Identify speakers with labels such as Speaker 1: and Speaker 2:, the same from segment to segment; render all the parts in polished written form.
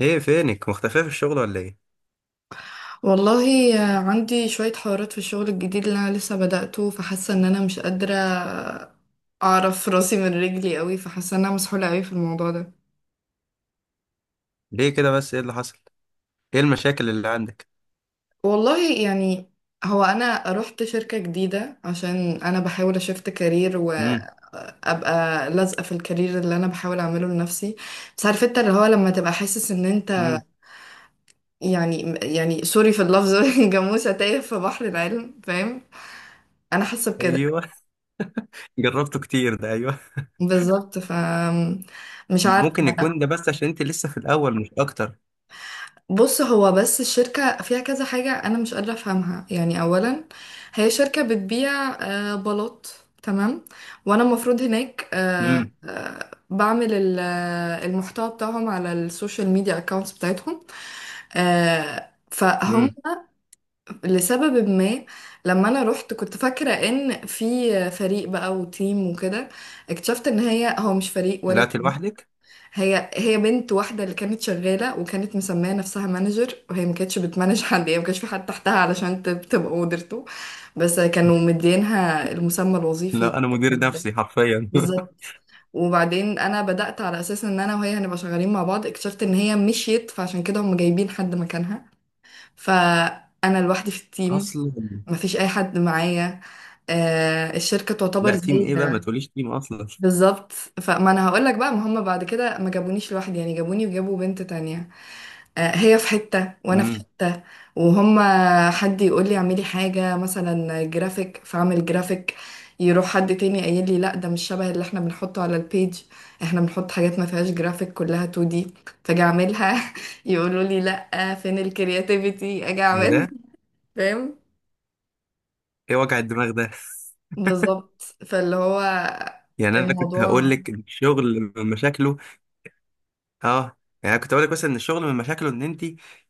Speaker 1: ايه فينك مختفية في الشغل ولا ايه؟
Speaker 2: والله، عندي شوية حوارات في الشغل الجديد اللي أنا لسه بدأته، فحاسة إن أنا مش قادرة أعرف راسي من رجلي قوي. فحاسة إن أنا مسحولة قوي في الموضوع ده.
Speaker 1: ليه كده بس؟ ايه اللي حصل؟ ايه المشاكل اللي عندك؟
Speaker 2: والله يعني، هو أنا رحت شركة جديدة عشان أنا بحاول أشفت كارير
Speaker 1: امم.
Speaker 2: وأبقى لازقة في الكارير اللي أنا بحاول أعمله لنفسي. بس عارف أنت اللي هو لما تبقى حاسس إن أنت
Speaker 1: امم.
Speaker 2: يعني سوري في اللفظ. جاموسة تايه في بحر العلم، فاهم؟ أنا حاسة بكده
Speaker 1: ايوه. جربته كتير ده، ايوه.
Speaker 2: بالظبط. ف مش عارفة.
Speaker 1: ممكن يكون ده بس عشان انت لسه في الاول، مش اكتر.
Speaker 2: بص، هو بس الشركة فيها كذا حاجة أنا مش قادرة أفهمها. يعني أولا هي شركة بتبيع بلاط، تمام؟ وأنا المفروض هناك
Speaker 1: امم.
Speaker 2: بعمل المحتوى بتاعهم على السوشيال ميديا أكاونتس بتاعتهم. فهم.
Speaker 1: امم.
Speaker 2: لسبب ما لما أنا رحت كنت فاكرة إن في فريق بقى وتيم وكده. اكتشفت إن هو مش فريق ولا
Speaker 1: طلعت لوحدك؟
Speaker 2: هي بنت واحدة اللي كانت شغالة، وكانت مسمية نفسها مانجر، وهي ما كانتش بتمانج حد. يعني ما كانش في حد تحتها علشان تبقى مديرته، بس كانوا مدينها المسمى الوظيفي.
Speaker 1: لا انا مدير نفسي حرفيا.
Speaker 2: بالظبط. وبعدين انا بدأت على اساس ان انا وهي هنبقى شغالين مع بعض. اكتشفت ان هي مشيت، فعشان كده هم جايبين حد مكانها. فانا لوحدي في التيم،
Speaker 1: اصلا
Speaker 2: مفيش اي حد معايا. الشركة تعتبر
Speaker 1: لا، تيم
Speaker 2: زي.
Speaker 1: ايه بقى؟ ما تقوليش تيم اصلا.
Speaker 2: بالظبط. فما انا هقول لك بقى، ما هم بعد كده ما جابونيش لوحدي، يعني جابوني وجابوا بنت تانية. هي في حتة وانا في
Speaker 1: امم.
Speaker 2: حتة. وهم، حد يقول لي اعملي حاجة مثلا جرافيك فاعمل جرافيك، يروح حد تاني قايل لي لا ده مش شبه اللي احنا بنحطه على البيج، احنا بنحط حاجات ما فيهاش جرافيك كلها 2 دي. فاجي اعملها يقولوا لي لا فين الكرياتيفيتي. اجي
Speaker 1: ايه
Speaker 2: اعمل،
Speaker 1: ده؟
Speaker 2: فاهم؟
Speaker 1: ايه وجع الدماغ ده؟
Speaker 2: بالظبط. فاللي هو
Speaker 1: يعني انا كنت
Speaker 2: الموضوع،
Speaker 1: هقول لك الشغل مشاكله. اه، يعني أنا كنت اقول لك مثلا ان الشغل من مشاكله ان انت،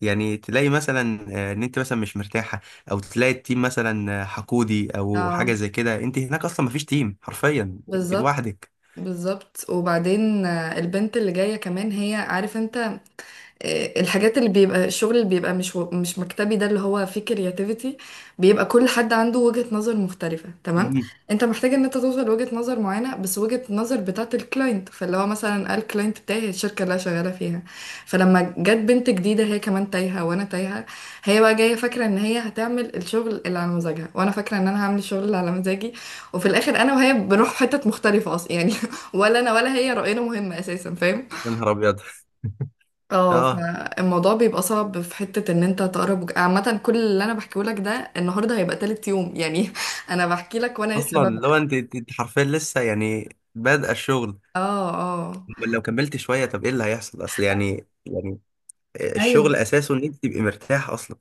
Speaker 1: يعني تلاقي مثلا ان انت مثلا مش مرتاحه، او تلاقي التيم مثلا حقودي او حاجه
Speaker 2: اه
Speaker 1: زي كده. انت هناك اصلا مفيش تيم حرفيا، انت
Speaker 2: بالظبط.
Speaker 1: لوحدك.
Speaker 2: بالظبط. وبعدين البنت اللي جاية كمان، هي عارف انت، الحاجات اللي بيبقى الشغل اللي بيبقى مش مش مكتبي ده، اللي هو فيه كرياتيفيتي، بيبقى كل حد عنده وجهة نظر مختلفة، تمام؟
Speaker 1: مم.
Speaker 2: انت محتاج ان انت توصل لوجهة نظر معينة، بس وجهة النظر بتاعت الكلاينت. فاللي هو مثلا قال، الكلاينت بتاعي هي الشركة اللي انا شغالة فيها. فلما جت بنت جديدة، هي كمان تايهة وانا تايهة. هي بقى جاية فاكرة ان هي هتعمل الشغل اللي على مزاجها، وانا فاكرة ان انا هعمل الشغل اللي على مزاجي. وفي الاخر انا وهي بنروح حتت مختلفة اصلا. يعني ولا انا ولا هي رأينا مهم اساسا، فاهم؟
Speaker 1: يا نهار ابيض.
Speaker 2: اه.
Speaker 1: اه
Speaker 2: فالموضوع بيبقى صعب في حتة ان انت تقرب عامة، كل اللي انا بحكيه لك ده النهاردة هيبقى تالت يوم. يعني انا بحكي لك وانا لسه
Speaker 1: اصلا، لو
Speaker 2: ببدأ.
Speaker 1: انت أنت حرفيا لسه، يعني بادئه الشغل،
Speaker 2: اه اه،
Speaker 1: أمال لو كملت شويه؟ طب ايه اللي هيحصل؟ اصل يعني، يعني
Speaker 2: ايوه.
Speaker 1: الشغل اساسه ان انت تبقي مرتاحه اصلا.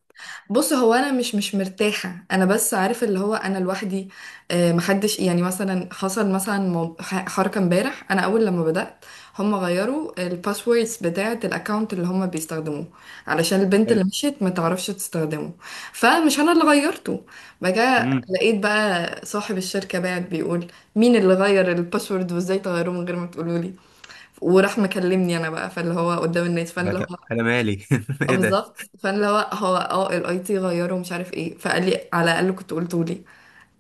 Speaker 2: بص، هو انا مش مرتاحه، انا بس عارف اللي هو انا لوحدي. محدش، يعني مثلا حصل مثلا حركه امبارح انا اول لما بدات، هم غيروا الباسوردز بتاعه الاكونت اللي هم بيستخدموه علشان البنت اللي
Speaker 1: حلو.
Speaker 2: مشيت ما تعرفش تستخدمه. فمش انا اللي غيرته. بقى
Speaker 1: امم.
Speaker 2: لقيت بقى صاحب الشركه بعت بيقول، مين اللي غير الباسورد؟ وازاي تغيروه من غير ما تقولوا لي؟ وراح مكلمني انا بقى، فاللي هو قدام الناس. فاللي هو،
Speaker 1: انا مالي.
Speaker 2: اه
Speaker 1: ايه ده؟
Speaker 2: بالظبط. فانا اللي هو، هو اه الاي تي غيره مش عارف ايه. فقال لي على الاقل كنت قلته لي.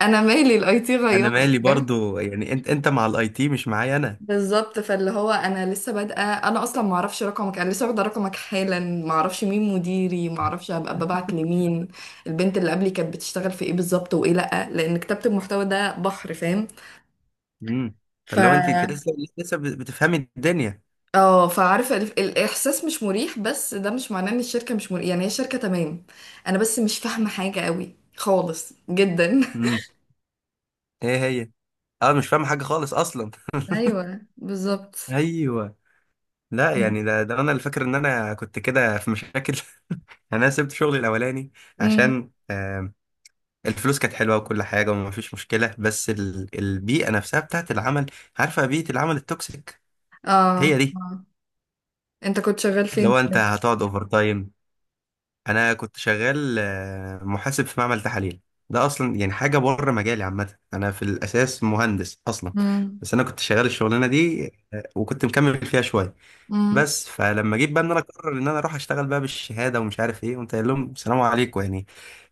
Speaker 2: انا مالي؟ الاي تي
Speaker 1: انا
Speaker 2: غيره،
Speaker 1: مالي
Speaker 2: فاهم؟
Speaker 1: برضو، يعني انت مع الاي تي، مش معايا انا.
Speaker 2: بالظبط. فاللي هو انا لسه بادئه، انا اصلا ما اعرفش رقمك، انا لسه واخده رقمك حالا، ما اعرفش مين مديري، ما اعرفش هبقى ببعت لمين، البنت اللي قبلي كانت بتشتغل في ايه بالظبط وايه، لا لان كتابه المحتوى ده بحر، فاهم؟
Speaker 1: امم.
Speaker 2: ف
Speaker 1: فاللي هو انت لسه بتفهمي الدنيا.
Speaker 2: اه فعارفه الاحساس مش مريح، بس ده مش معناه ان الشركه مش مريح. يعني هي الشركه تمام، انا بس مش فاهمه حاجه قوي خالص جدا.
Speaker 1: امم. ايه هي؟ اه مش فاهم حاجه خالص اصلا.
Speaker 2: ايوه بالظبط.
Speaker 1: ايوه. لا يعني ده انا اللي فاكر ان انا كنت كده في مشاكل. انا سبت شغلي الاولاني
Speaker 2: امم،
Speaker 1: عشان الفلوس كانت حلوه وكل حاجه، وما فيش مشكله. بس البيئه نفسها بتاعت العمل، عارفه بيئه العمل التوكسيك؟
Speaker 2: اه.
Speaker 1: هي دي.
Speaker 2: انت كنت شغال
Speaker 1: اللي
Speaker 2: فين؟
Speaker 1: هو انت هتقعد اوفر تايم. انا كنت شغال محاسب في معمل تحاليل. ده اصلا يعني حاجه بره مجالي عامه، انا في الاساس مهندس اصلا.
Speaker 2: امم،
Speaker 1: بس انا كنت شغال الشغلانه دي، وكنت مكمل فيها شويه
Speaker 2: امم،
Speaker 1: بس. فلما جيت بقى ان انا اقرر ان انا اروح اشتغل بقى بالشهاده ومش عارف ايه، قمت قايل لهم سلام عليكم يعني.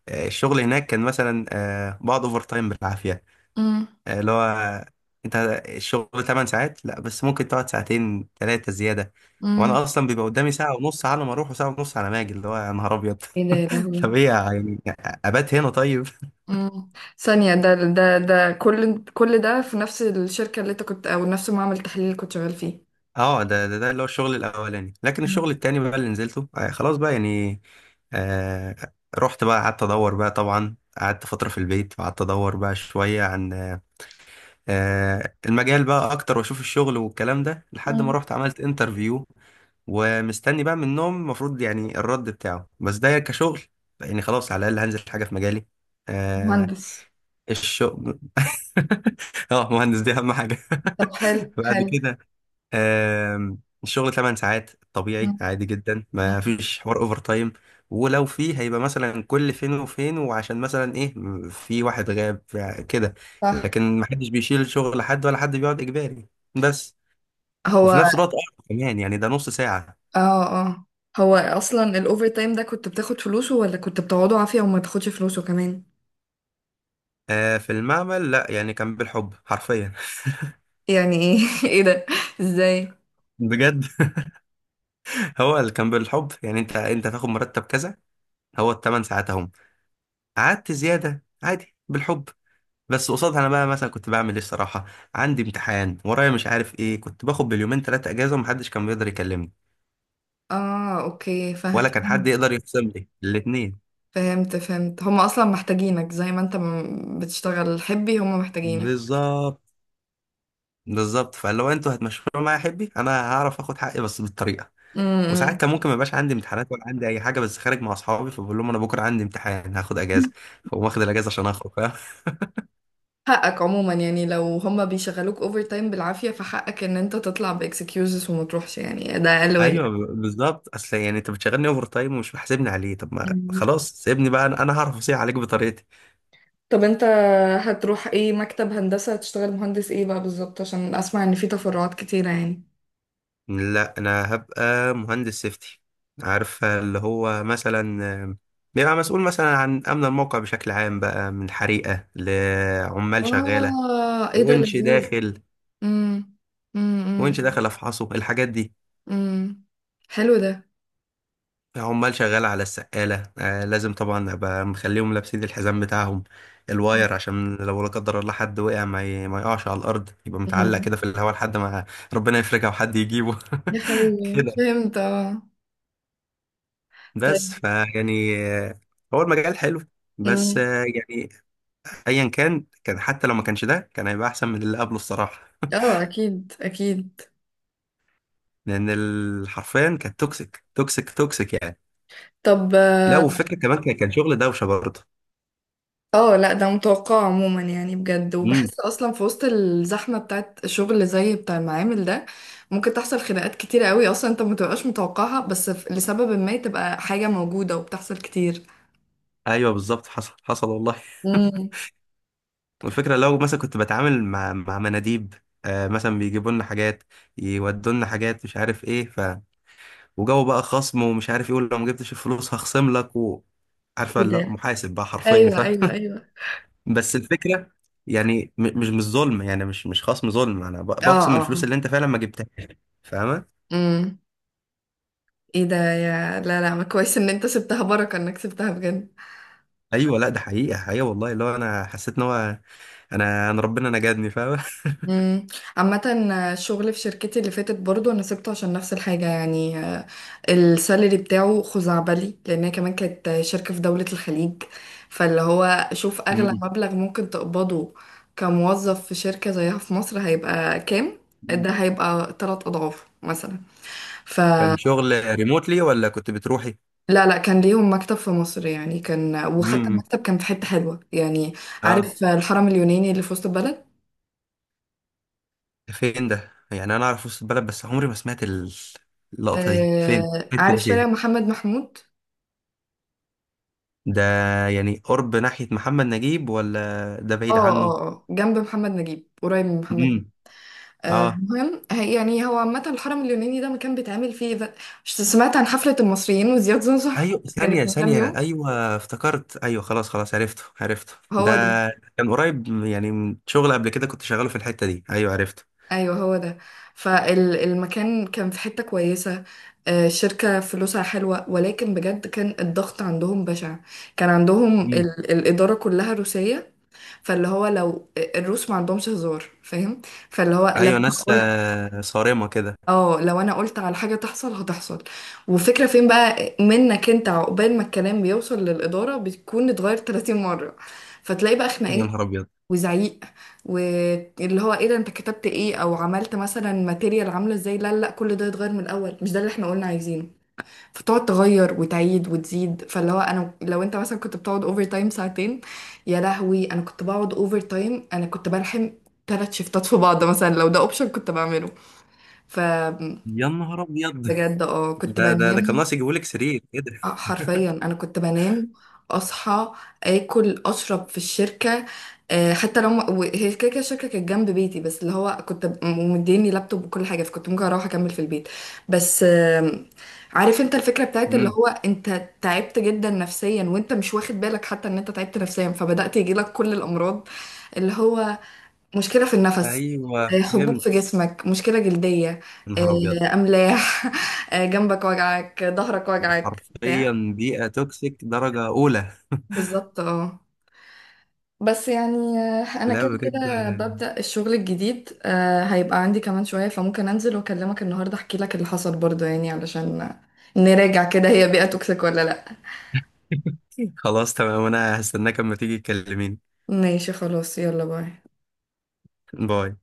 Speaker 1: الشغل هناك كان مثلا بقعد اوفر تايم بالعافيه.
Speaker 2: امم،
Speaker 1: آه، اللي هو آه، انت الشغل 8 ساعات، لا بس ممكن تقعد ساعتين ثلاثه زياده.
Speaker 2: امم.
Speaker 1: وانا اصلا بيبقى قدامي ساعه ونص على ما اروح وساعه ونص على ما اجي. اللي هو يا نهار ابيض.
Speaker 2: ايه ده يا
Speaker 1: طب
Speaker 2: لهوي!
Speaker 1: ايه يعني؟ ابات هنا طيب؟
Speaker 2: امم. ثانية، ده كل ده في نفس الشركة اللي انت كنت، او نفس معمل التحليل اللي كنت شغال فيه؟
Speaker 1: اه، ده اللي هو الشغل الاولاني. لكن
Speaker 2: مم.
Speaker 1: الشغل التاني بقى اللي نزلته، آه خلاص بقى يعني. آه رحت بقى قعدت ادور بقى، طبعا قعدت فترة في البيت وقعدت ادور بقى شوية عن المجال بقى اكتر واشوف الشغل والكلام ده، لحد ما
Speaker 2: مم.
Speaker 1: رحت عملت انترفيو. ومستني بقى منهم المفروض يعني الرد بتاعه، بس ده كشغل يعني، خلاص على الاقل هنزل حاجة في مجالي. آه
Speaker 2: مهندس؟
Speaker 1: الشغل. اه مهندس، دي اهم حاجة.
Speaker 2: طب حلو
Speaker 1: بعد
Speaker 2: حلو.
Speaker 1: كده الشغل 8 ساعات طبيعي
Speaker 2: مم.
Speaker 1: عادي جدا،
Speaker 2: مم.
Speaker 1: ما فيش حوار اوفر تايم. ولو فيه هيبقى مثلا كل فين وفين، وعشان مثلا ايه، في واحد غاب كده.
Speaker 2: صح.
Speaker 1: لكن ما حدش بيشيل شغل حد ولا حد بيقعد اجباري بس. وفي
Speaker 2: هو
Speaker 1: نفس الوقت أربع كمان، يعني ده نص ساعة.
Speaker 2: اه اه، هو اصلا الاوفر تايم ده كنت بتاخد فلوسه، ولا كنت بتقعده عافية وما تاخدش فلوسه كمان؟
Speaker 1: في المعمل لا، يعني كان بالحب حرفيا.
Speaker 2: يعني ايه؟ ايه ده؟ ازاي؟
Speaker 1: بجد، هو اللي كان بالحب يعني، انت تاخد مرتب كذا، هو ال8 ساعات اهم. قعدت زيادة عادي بالحب. بس قصادها انا بقى مثلا كنت بعمل ايه الصراحه؟ عندي امتحان ورايا مش عارف ايه، كنت باخد باليومين ثلاثه اجازه ومحدش كان بيقدر يكلمني
Speaker 2: اه اوكي، فاهم.
Speaker 1: ولا كان حد يقدر يخصم لي الاثنين.
Speaker 2: فهمت فهمت، هم اصلا محتاجينك. زي ما انت بتشتغل حبي هم محتاجينك.
Speaker 1: بالظبط. بالظبط، فلو انتوا هتمشوا معايا يا حبي، انا هعرف اخد حقي بس بالطريقه. وساعات
Speaker 2: امم.
Speaker 1: كان ممكن ما يبقاش عندي امتحانات ولا عندي اي حاجه، بس خارج مع اصحابي، فبقول لهم انا بكره عندي امتحان هاخد اجازه، فاقوم واخد الاجازه عشان اخرج. فاهم؟
Speaker 2: حقك عموما، يعني لو هم بيشغلوك اوفر تايم بالعافية فحقك ان انت تطلع باكسكيوزز وما تروحش. يعني ده اقل
Speaker 1: ايوه،
Speaker 2: واجب.
Speaker 1: بالظبط. اصل يعني انت بتشغلني اوفر تايم ومش محاسبني عليه، طب ما
Speaker 2: مم.
Speaker 1: خلاص سيبني بقى، أنا هعرف اصيح عليك بطريقتي.
Speaker 2: طب انت هتروح ايه، مكتب هندسة؟ هتشتغل مهندس ايه بقى بالظبط؟ عشان اسمع ان في تفرعات كتيرة يعني.
Speaker 1: لا انا هبقى مهندس سيفتي، عارفه اللي هو مثلا بيبقى مسؤول مثلا عن امن الموقع بشكل عام بقى، من حريقه لعمال شغاله،
Speaker 2: اه، ايه ده
Speaker 1: ونش
Speaker 2: لذيذ!
Speaker 1: داخل.
Speaker 2: امم، امم،
Speaker 1: ونش داخل افحصه، الحاجات دي.
Speaker 2: امم. حلو.
Speaker 1: عمال شغاله على السقاله، آه لازم طبعا ابقى مخليهم لابسين الحزام بتاعهم،
Speaker 2: ده،
Speaker 1: الواير، عشان لو لا قدر الله حد وقع ما يقعش على الارض، يبقى متعلق كده في الهواء لحد ما ربنا يفرجها وحد يجيبه.
Speaker 2: يا حبيبي
Speaker 1: كده.
Speaker 2: فهمت اه.
Speaker 1: بس
Speaker 2: طيب.
Speaker 1: فيعني هو المجال حلو بس،
Speaker 2: أمم.
Speaker 1: يعني ايا كان، حتى لو ما كانش ده، كان هيبقى احسن من اللي قبله الصراحه،
Speaker 2: اه اكيد اكيد.
Speaker 1: لان حرفيا كانت توكسيك توكسيك توكسيك يعني.
Speaker 2: طب
Speaker 1: لا،
Speaker 2: اه،
Speaker 1: والفكره كمان كان شغل دوشه برضه.
Speaker 2: لا ده متوقع عموما يعني. بجد،
Speaker 1: امم.
Speaker 2: وبحس اصلا في وسط الزحمه بتاعت شغل زي بتاع المعامل ده ممكن تحصل خناقات كتيره قوي اصلا انت ما تبقاش متوقعها. بس لسبب ما تبقى حاجه موجوده وبتحصل كتير.
Speaker 1: ايوه بالظبط، حصل حصل والله.
Speaker 2: امم.
Speaker 1: والفكره لو مثلا كنت بتعامل مع مناديب، آه مثلا بيجيبوا لنا حاجات، يودوا لنا حاجات، مش عارف ايه، ف وجو بقى خصم ومش عارف ايه، ولو ما جبتش الفلوس هخصم لك و... عارفه؟
Speaker 2: ايه
Speaker 1: لا
Speaker 2: ده؟
Speaker 1: محاسب بقى حرفيا، ف
Speaker 2: ايوه ايوه ايوه.
Speaker 1: بس الفكرة يعني مش ظلم، يعني مش خصم ظلم، انا
Speaker 2: اه،
Speaker 1: بخصم
Speaker 2: اه.
Speaker 1: الفلوس اللي انت فعلا ما جبتهاش، فاهمة؟
Speaker 2: امم. ايه ده؟ يا لا لا، ما كويس ان انت سبتها، بركه انك سبتها بجد.
Speaker 1: ايوه لا، ده حقيقة حقيقة والله. اللي هو انا حسيت ان هو، انا ربنا نجدني، فاهمة.
Speaker 2: مم. عامة الشغل في شركتي اللي فاتت برضو انا سبته عشان نفس الحاجة. يعني السالري بتاعه خزعبلي، لانها كمان كانت شركة في دولة الخليج. فاللي هو شوف اغلى
Speaker 1: مم.
Speaker 2: مبلغ ممكن تقبضه كموظف في شركة زيها في مصر هيبقى كام. ده هيبقى تلات اضعاف مثلا.
Speaker 1: كان
Speaker 2: فلا،
Speaker 1: شغل ريموتلي ولا كنت بتروحي؟
Speaker 2: لا لا، كان ليهم مكتب في مصر يعني، كان وحتى
Speaker 1: امم.
Speaker 2: المكتب كان في حتة حلوة يعني.
Speaker 1: اه،
Speaker 2: عارف الحرم اليوناني اللي في وسط البلد؟
Speaker 1: ده فين ده؟ يعني انا اعرف وسط البلد بس عمري ما سمعت اللقطة دي فين؟ الحتة
Speaker 2: عارف
Speaker 1: دي
Speaker 2: شارع
Speaker 1: فين؟
Speaker 2: محمد محمود؟
Speaker 1: ده يعني قرب ناحية محمد نجيب ولا ده بعيد
Speaker 2: اه
Speaker 1: عنه؟
Speaker 2: اه اه، جنب محمد نجيب، قريب من محمد
Speaker 1: امم.
Speaker 2: نجيب.
Speaker 1: اه
Speaker 2: المهم يعني هو عامة الحرم اليوناني ده مكان بيتعمل فيه ده، سمعت عن حفلة المصريين وزياد زوزو؟
Speaker 1: ايوه،
Speaker 2: كانت
Speaker 1: ثانية
Speaker 2: من كام
Speaker 1: ثانية،
Speaker 2: يوم.
Speaker 1: ايوه افتكرت، ايوه خلاص خلاص، عرفته عرفته ده.
Speaker 2: هو ده.
Speaker 1: كان قريب يعني من شغل قبل كده كنت شغاله في الحتة دي، ايوه عرفته.
Speaker 2: ايوه هو ده. فالمكان كان في حتة كويسة. الشركة فلوسها حلوة، ولكن بجد كان الضغط عندهم بشع. كان عندهم
Speaker 1: مم.
Speaker 2: ال الإدارة كلها روسية. فاللي هو لو الروس ما عندهمش هزار، فاهم؟ فاللي هو لو،
Speaker 1: ايوه، ناس صارمة كده.
Speaker 2: اه، لو انا قلت على حاجة تحصل هتحصل. وفكرة فين بقى منك انت، عقبال ما الكلام بيوصل للإدارة بتكون اتغير 30 مرة. فتلاقي بقى
Speaker 1: يا
Speaker 2: خناقات
Speaker 1: نهار ابيض.
Speaker 2: وزعيق، واللي هو ايه ده انت كتبت ايه، او عملت مثلا ماتيريال عاملة ازاي، لا لا كل ده يتغير من الأول، مش ده اللي احنا قلنا عايزينه. فتقعد تغير وتعيد وتزيد. فاللي هو انا لو انت مثلا كنت بتقعد اوفر تايم ساعتين، يا لهوي انا كنت بقعد اوفر تايم، انا كنت بلحم ثلاث شيفتات في بعض مثلا. لو ده اوبشن كنت بعمله. ف
Speaker 1: يا نهار ابيض.
Speaker 2: بجد، اه كنت
Speaker 1: ده كان
Speaker 2: بنام.
Speaker 1: ناقص يجيبولك سرير كده.
Speaker 2: اه حرفيا انا كنت بنام، اصحى، اكل، اشرب في الشركه. حتى لو هي كده كده الشركه كانت جنب بيتي، بس اللي هو كنت مديني لابتوب وكل حاجه، فكنت ممكن اروح اكمل في البيت. بس عارف انت الفكره بتاعت اللي
Speaker 1: امم.
Speaker 2: هو انت تعبت جدا نفسيا وانت مش واخد بالك حتى ان انت تعبت نفسيا، فبدات يجيلك كل الامراض اللي هو، مشكلة في النفس،
Speaker 1: ايوه
Speaker 2: حبوب في
Speaker 1: فهمت.
Speaker 2: جسمك، مشكلة جلدية،
Speaker 1: يا نهار ابيض،
Speaker 2: أملاح، جنبك وجعك، ظهرك
Speaker 1: ده
Speaker 2: وجعك بتاع.
Speaker 1: حرفيا بيئة توكسيك درجة أولى.
Speaker 2: بالظبط اه. بس يعني أنا
Speaker 1: لا
Speaker 2: كده
Speaker 1: بجد،
Speaker 2: كده ببدأ الشغل الجديد، هيبقى عندي كمان شوية، فممكن أنزل وأكلمك النهاردة أحكي لك اللي حصل برضه. يعني علشان نراجع كده، هي بيئة توكسيك ولا لأ.
Speaker 1: خلاص تمام، أنا هستناك أما تيجي تكلميني.
Speaker 2: ماشي خلاص، يلا باي.
Speaker 1: باي.